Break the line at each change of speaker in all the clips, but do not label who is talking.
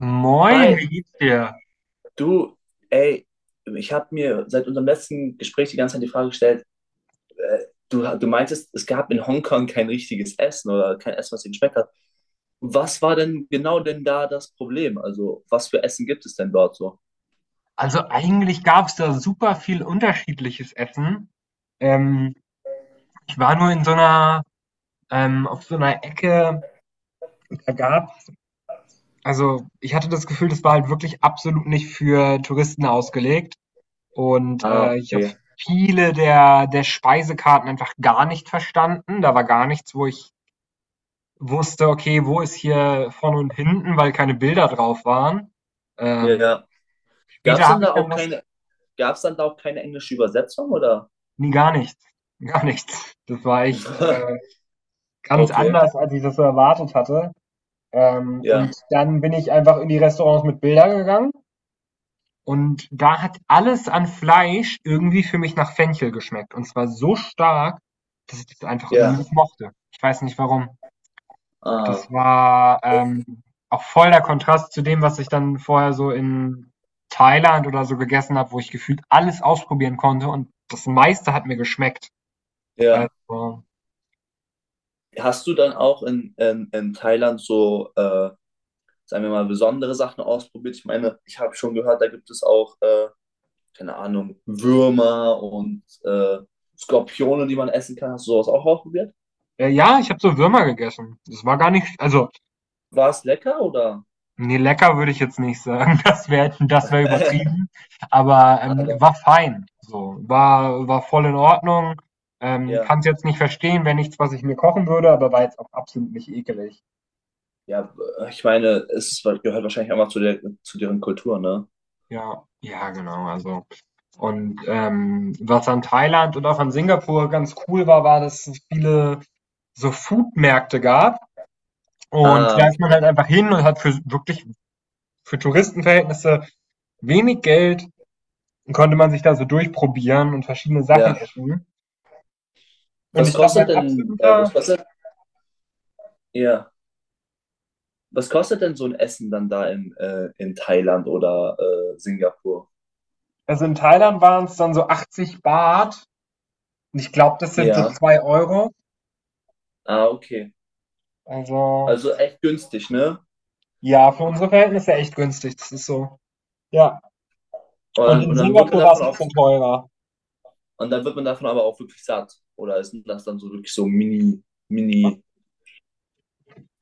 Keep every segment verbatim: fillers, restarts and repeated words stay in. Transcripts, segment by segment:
Moin,
Hi,
wie geht's dir?
du, ey, ich habe mir seit unserem letzten Gespräch die ganze Zeit die Frage gestellt, äh, du, du meintest, es gab in Hongkong kein richtiges Essen oder kein Essen, was dir geschmeckt hat. Was war denn genau denn da das Problem? Also, was für Essen gibt es denn dort so?
Also eigentlich gab es da super viel unterschiedliches Essen. Ähm, Ich war nur in so einer, ähm, auf so einer Ecke. da gab's, also ich hatte das Gefühl, das war halt wirklich absolut nicht für Touristen ausgelegt. Und
Ah,
äh, ich habe
okay.
viele der, der Speisekarten einfach gar nicht verstanden. Da war gar nichts, wo ich wusste, okay, wo ist hier vorne und hinten, weil keine Bilder drauf waren.
Ja,
Ähm,
ja. Gab
Später
denn
habe ich
da
dann
auch
was.
keine, Gab's dann da auch keine englische Übersetzung oder?
Ne, gar nichts, gar nichts. Das war echt, äh, ganz
Okay,
anders, als ich das so erwartet hatte. Ähm,
ja,
und dann bin ich einfach in die Restaurants mit Bildern gegangen, und da hat alles an Fleisch irgendwie für mich nach Fenchel geschmeckt, und zwar so stark, dass ich das einfach irgendwie
ja,
nicht mochte. Ich weiß nicht warum. Das
ah,
war, ähm, auch voll der Kontrast zu dem, was ich dann vorher so in Thailand oder so gegessen habe, wo ich gefühlt alles ausprobieren konnte und das meiste hat mir geschmeckt.
ja.
Also
Hast du dann auch in, in, in Thailand so äh, sagen wir mal, besondere Sachen ausprobiert. Ich meine, ich habe schon gehört, da gibt es auch, äh, keine Ahnung, Würmer und äh, Skorpione, die man essen kann. Hast du sowas auch ausprobiert?
Äh, ja, ich habe so Würmer gegessen. Das war gar nicht, also,
War es lecker oder?
nee, lecker würde ich jetzt nicht sagen. Das wäre das wär übertrieben. Aber ähm,
Aber
war fein. So, war, war voll in Ordnung. Ähm, kann
ja,
es jetzt nicht verstehen, wäre nichts, was ich mir kochen würde, aber war jetzt auch absolut nicht ekelig.
ja, ich meine, es gehört wahrscheinlich einfach zu der, zu deren Kultur, ne?
Ja, ja, genau. Also, und ähm, was an Thailand und auch an Singapur ganz cool war, war, dass es viele so Foodmärkte gab, und
Ah,
da ist man
okay.
halt einfach hin und hat für wirklich für Touristenverhältnisse wenig Geld. Dann konnte man sich da so durchprobieren und verschiedene Sachen
Ja.
essen. Und
Was
ich glaube,
kostet
mein
denn, äh, was
absoluter,
kostet, ja, Was kostet denn so ein Essen dann da in, äh, in Thailand oder äh, Singapur?
also in Thailand waren es dann so achtzig Baht. Und ich glaube, das sind so
Ja.
zwei Euro.
Ah, okay.
Also
Also echt günstig, ne?
ja, für unsere Verhältnisse echt günstig. Das ist so. Ja.
Und
Und
dann,
in
und dann wird man
Singapur war es
davon
ein
auch,
bisschen teurer.
und dann wird man davon aber auch wirklich satt. Oder ist das dann so wirklich so Mini, Mini,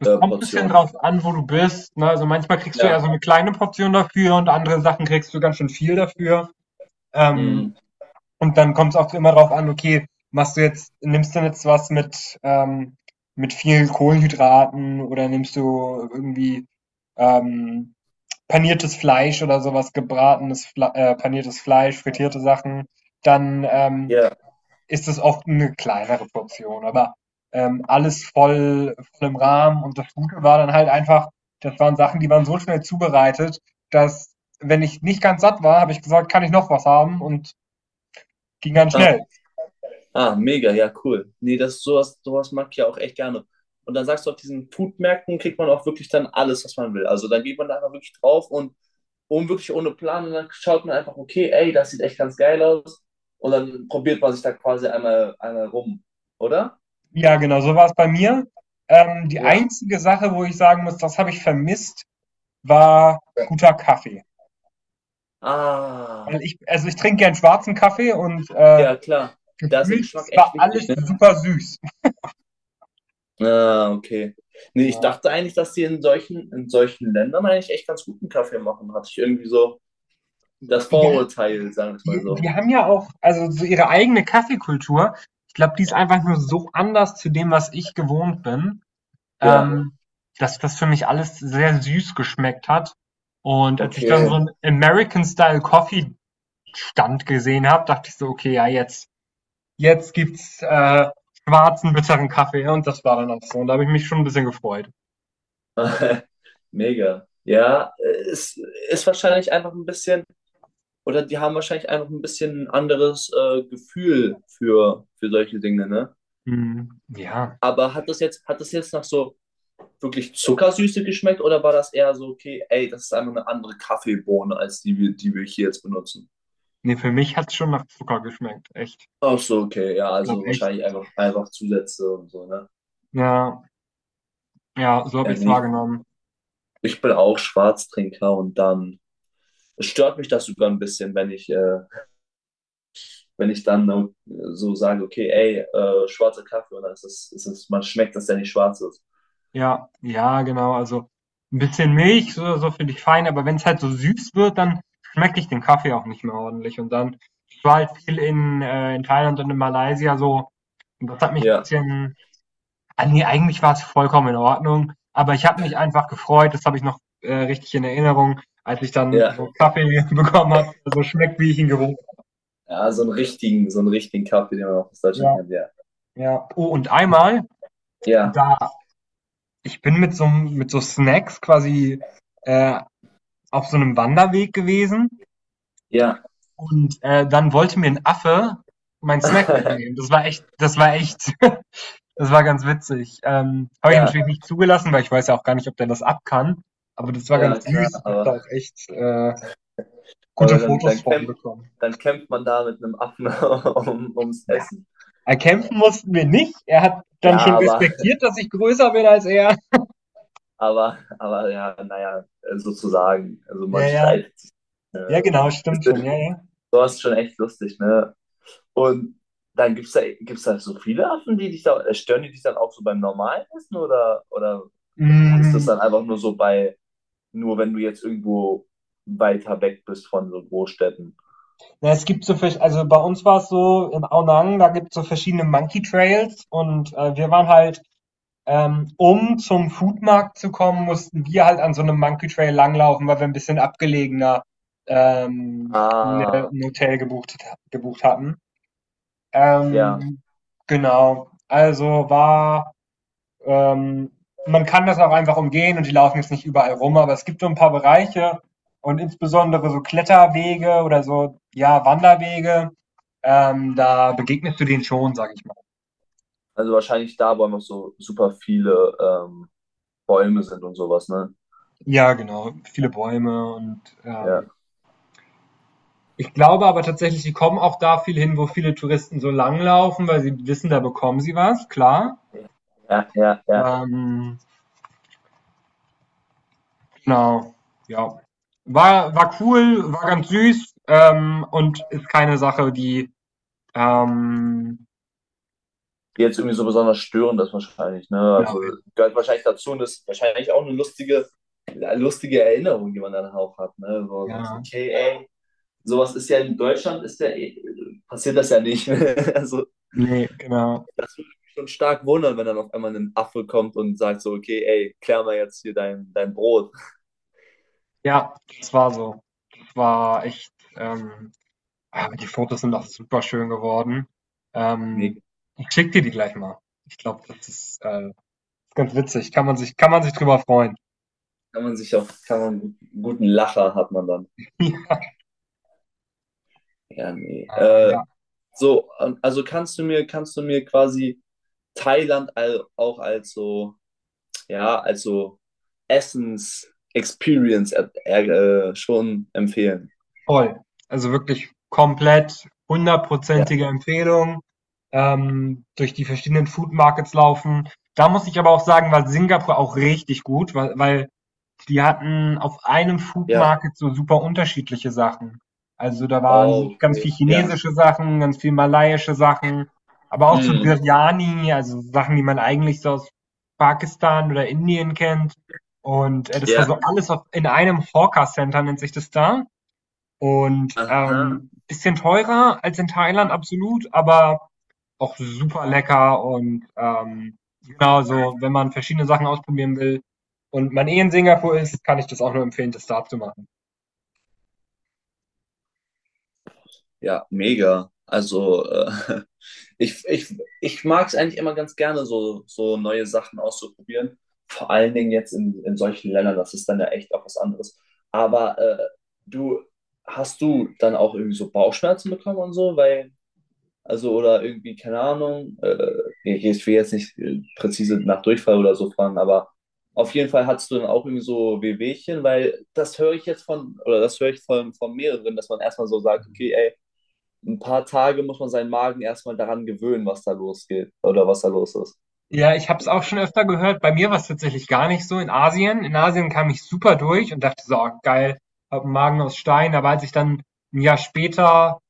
Es
äh,
kommt ein bisschen
Portionen?
drauf an, wo du bist. Ne? Also manchmal kriegst du eher so
Ja.
eine kleine Portion dafür, und andere Sachen kriegst du ganz schön viel dafür. Ähm,
Hm.
Und dann kommt es auch immer darauf an, okay, machst du jetzt nimmst du jetzt was mit, ähm, mit viel Kohlenhydraten, oder nimmst du irgendwie, ähm, paniertes Fleisch oder sowas, gebratenes Fle äh, paniertes Fleisch, frittierte Sachen, dann, ähm,
Ja.
ist es oft eine kleinere Portion, aber, ähm, alles voll voll im Rahmen. Und das Gute war dann halt einfach, das waren Sachen, die waren so schnell zubereitet, dass, wenn ich nicht ganz satt war, habe ich gesagt: „Kann ich noch was haben?" und ging ganz
Ah,
schnell.
ah, mega, ja, cool. Nee, das sowas, sowas mag ich ja auch echt gerne. Und dann sagst du, auf diesen Foodmärkten kriegt man auch wirklich dann alles, was man will. Also dann geht man da einfach wirklich drauf und, und wirklich ohne Plan und dann schaut man einfach, okay, ey, das sieht echt ganz geil aus. Und dann probiert man sich da quasi einmal, einmal rum, oder?
Ja, genau, so war es bei mir. Ähm, die
Ja.
einzige Sache, wo ich sagen muss, das habe ich vermisst, war guter Kaffee.
Ah.
Weil ich, also ich trinke gern schwarzen Kaffee, und, äh,
Ja, klar. Da ist der
gefühlt,
Geschmack
es
echt
war
wichtig,
alles
ne?
super süß.
Ah, okay. Nee, ich
Ja.
dachte eigentlich, dass die in solchen, in solchen Ländern eigentlich echt ganz guten Kaffee machen. Hatte ich irgendwie so das
Ja,
Vorurteil, sagen wir es mal
die
so.
die haben ja auch, also so ihre eigene Kaffeekultur. Ich glaube, die ist einfach nur so anders zu dem, was ich gewohnt bin, Ja.
Ja,
ähm, dass das für mich alles sehr süß geschmeckt hat. Und als ich dann so
okay.
einen American Style Coffee Stand gesehen habe, dachte ich so: „Okay, ja, jetzt“ jetzt gibt's, äh, schwarzen, bitteren Kaffee", und das war dann auch so. Und da habe ich mich schon ein bisschen gefreut.
Mega. Ja, es ist wahrscheinlich einfach ein bisschen, oder die haben wahrscheinlich einfach ein bisschen ein anderes äh, Gefühl für, für solche Dinge, ne?
Mhm, ja.
Aber hat das jetzt, hat das jetzt nach so wirklich Zuckersüße geschmeckt oder war das eher so, okay, ey, das ist einfach eine andere Kaffeebohne als die, wir- die wir hier jetzt benutzen?
Ne, für mich hat's schon nach Zucker geschmeckt, echt.
Ach so, okay, ja,
Ich glaube
also
echt.
wahrscheinlich einfach, einfach Zusätze und so, ne?
Ja, ja, so habe
Ja,
ich's
nicht.
wahrgenommen.
Ich bin auch Schwarztrinker und dann es stört mich das sogar ein bisschen, wenn ich, äh, wenn ich dann äh, so sage, okay, ey, äh, schwarzer Kaffee und dann ist es, ist es, man schmeckt, dass der nicht schwarz ist.
Ja, ja, genau. Also, ein bisschen Milch, so so finde ich fein, aber wenn's halt so süß wird, dann schmecke ich den Kaffee auch nicht mehr ordentlich. Und dann, ich war halt viel in, äh in Thailand und in Malaysia so, und das hat mich ein
Ja,
bisschen. Ah, ne, eigentlich war es vollkommen in Ordnung, aber ich habe mich einfach gefreut. Das habe ich noch, äh, richtig in Erinnerung, als ich dann
ja,
so Kaffee bekommen habe, der so schmeckt, wie ich ihn gewohnt. habe.
ja, so einen richtigen, so einen richtigen Kaffee, den man auch aus Deutschland
Ja,
kennt, ja.
ja. Oh, und einmal,
Ja,
da ich bin mit so mit so Snacks quasi, äh, auf so einem Wanderweg gewesen,
ja,
und, äh, dann wollte mir ein Affe meinen Snack wegnehmen. Das war echt das war echt Das war ganz witzig. Ähm, habe ich
ja,
natürlich nicht zugelassen, weil ich weiß ja auch gar nicht, ob der das ab kann. Aber das war ganz
ja, klar,
süß. Ich habe da
aber.
auch echt äh,
Aber
gute
dann,
Fotos
dann,
von
kämpft,
bekommen.
dann kämpft man da mit einem Affen um, ums
Ja,
Essen.
erkämpfen
Ja,
mussten wir nicht. Er hat dann
ja
schon
aber,
respektiert, dass ich größer bin als er.
aber, aber ja, naja, sozusagen. Also
Ja,
man
ja.
streitet sich.
Ja,
Äh,
genau,
ist,
stimmt schon. Ja, ja.
Sowas schon echt lustig, ne? Und dann gibt es da, gibt's da so viele Affen, die dich da, äh, stören die dich dann auch so beim normalen Essen oder, oder ist das
Mm,
dann einfach nur so bei, nur wenn du jetzt irgendwo weiter weg bist von so Großstädten?
na, es gibt so, vers- also bei uns war es so, in Aonang, da gibt es so verschiedene Monkey Trails, und äh, wir waren halt. Ähm, um zum Foodmarkt zu kommen, mussten wir halt an so einem Monkey Trail langlaufen, weil wir ein bisschen abgelegener, ähm, ne,
Ah,
ein Hotel gebucht, gebucht hatten.
ja,
Ähm, genau. Also war, ähm, Man kann das auch einfach umgehen, und die laufen jetzt nicht überall rum, aber es gibt so ein paar Bereiche und insbesondere so Kletterwege oder so, ja, Wanderwege, ähm, da begegnest du denen schon, sag ich mal.
also wahrscheinlich da, wo einfach so super viele ähm, Bäume sind und sowas, ne?
Ja, genau. Viele Bäume, und
Ja.
ähm, ich glaube aber tatsächlich, die kommen auch da viel hin, wo viele Touristen so langlaufen, weil sie wissen, da bekommen sie was, klar.
Ja, ja, ja.
Ähm, genau, ja. War, war cool, war ganz süß, ähm, und ist keine Sache, die. Ähm,
Die jetzt irgendwie so besonders störend ist wahrscheinlich, ne?
genau,
Also gehört wahrscheinlich dazu und ist wahrscheinlich auch eine lustige, lustige Erinnerung, die man dann auch hat, ne? Wo man sagt, so,
ja,
okay, ey, sowas ist ja in Deutschland, ist ja, eh- passiert das ja nicht. Also
nee, genau.
schon stark wundern, wenn dann auf einmal ein Affe kommt und sagt so, okay, ey, klär mal jetzt hier dein, dein Brot.
Ja, das war so. Das war echt. Ähm, aber die Fotos sind auch super schön geworden.
Nee,
Ähm, Ich schicke dir die gleich mal. Ich glaube, das ist äh, ganz witzig. Kann man sich, kann man sich drüber freuen.
kann man sich auch, kann man, guten Lacher hat man dann. Ja, nee.
Äh,
Äh,
ja,
so, ähm, also kannst du mir, kannst du mir quasi Thailand all, auch als so, ja, als so Essens-Experience äh, äh, schon empfehlen?
voll. Also wirklich komplett
Ja,
hundertprozentige Empfehlung. Ähm, durch die verschiedenen Food Markets laufen. Da muss ich aber auch sagen, war Singapur auch richtig gut, weil, weil die hatten auf einem Food
ja.
Market so super unterschiedliche Sachen. Also da waren
Oh,
ganz
okay.
viel
Ja.
chinesische Sachen, ganz viel malaiische Sachen, aber auch so
Mm,
Biryani, also Sachen, die man eigentlich so aus Pakistan oder Indien kennt. Und äh, das war
ja.
so alles auf, in einem Hawker Center, nennt sich das da. Und,
Aha.
ähm, bisschen teurer als in Thailand, absolut, aber auch super lecker und, ähm, genau, so, wenn man verschiedene Sachen ausprobieren will und man eh in Singapur ist, kann ich das auch nur empfehlen, das da zu machen.
Ja, mega. Also, äh, Ich, ich, ich mag es eigentlich immer ganz gerne, so, so neue Sachen auszuprobieren. Vor allen Dingen jetzt in, in solchen Ländern, das ist dann ja echt auch was anderes. Aber äh, du, hast du dann auch irgendwie so Bauchschmerzen bekommen und so? Weil, also, oder irgendwie, keine Ahnung, äh, ich ich will jetzt nicht äh, präzise nach Durchfall oder so fragen, aber auf jeden Fall hattest du dann auch irgendwie so Wehwehchen, weil das höre ich jetzt von, oder das höre ich von, von mehreren, dass man erstmal so sagt, okay, ey, ein paar Tage muss man seinen Magen erstmal daran gewöhnen, was da losgeht oder was da los ist.
Ja, ich habe es auch schon öfter gehört. Bei mir war es tatsächlich gar nicht so in Asien. In Asien kam ich super durch und dachte so: „Oh, geil, hab einen Magen aus Stein." Aber als ich dann ein Jahr später,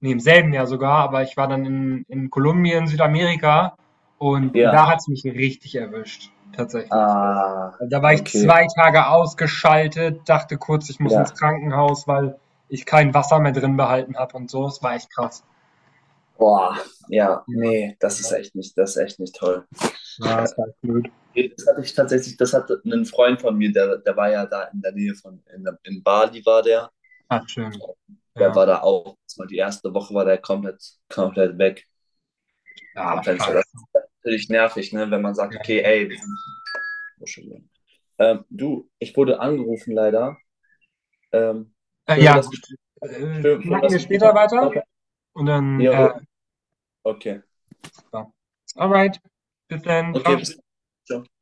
ne, im selben Jahr sogar, aber ich war dann in in Kolumbien, Südamerika, und
Ja.
da hat's mich richtig erwischt, tatsächlich.
Ah,
Also da war ich
okay.
zwei Tage ausgeschaltet, dachte kurz, ich muss ins
Ja.
Krankenhaus, weil ich kein Wasser mehr drin behalten habe und so. Das war echt krass.
Boah, ja,
Ja,
nee, das ist echt nicht, das ist echt nicht toll.
ja, das war echt blöd.
Hey, das hatte ich tatsächlich, das hatte einen Freund von mir, der, der war ja da in der Nähe von, in, der- in Bali war der.
Ah, schön.
Der
Ja.
war da auch, das war die erste Woche war der komplett, komplett weg
Ja,
vom Fenster. Das
scheiße.
ist natürlich nervig, ne, wenn man sagt,
Ja.
okay, ey, wir sind- Entschuldigung. ähm, du, ich wurde angerufen leider. Ähm,
Äh,
Führen wir
ja,
das
gut. Äh,
Für schön
schnacken
dass
wir
du gespielt
später
hast.
weiter, und dann,
Jo,
äh,
okay.
super. Alright. Bis dann.
Okay,
Ciao.
bis dann. Ciao.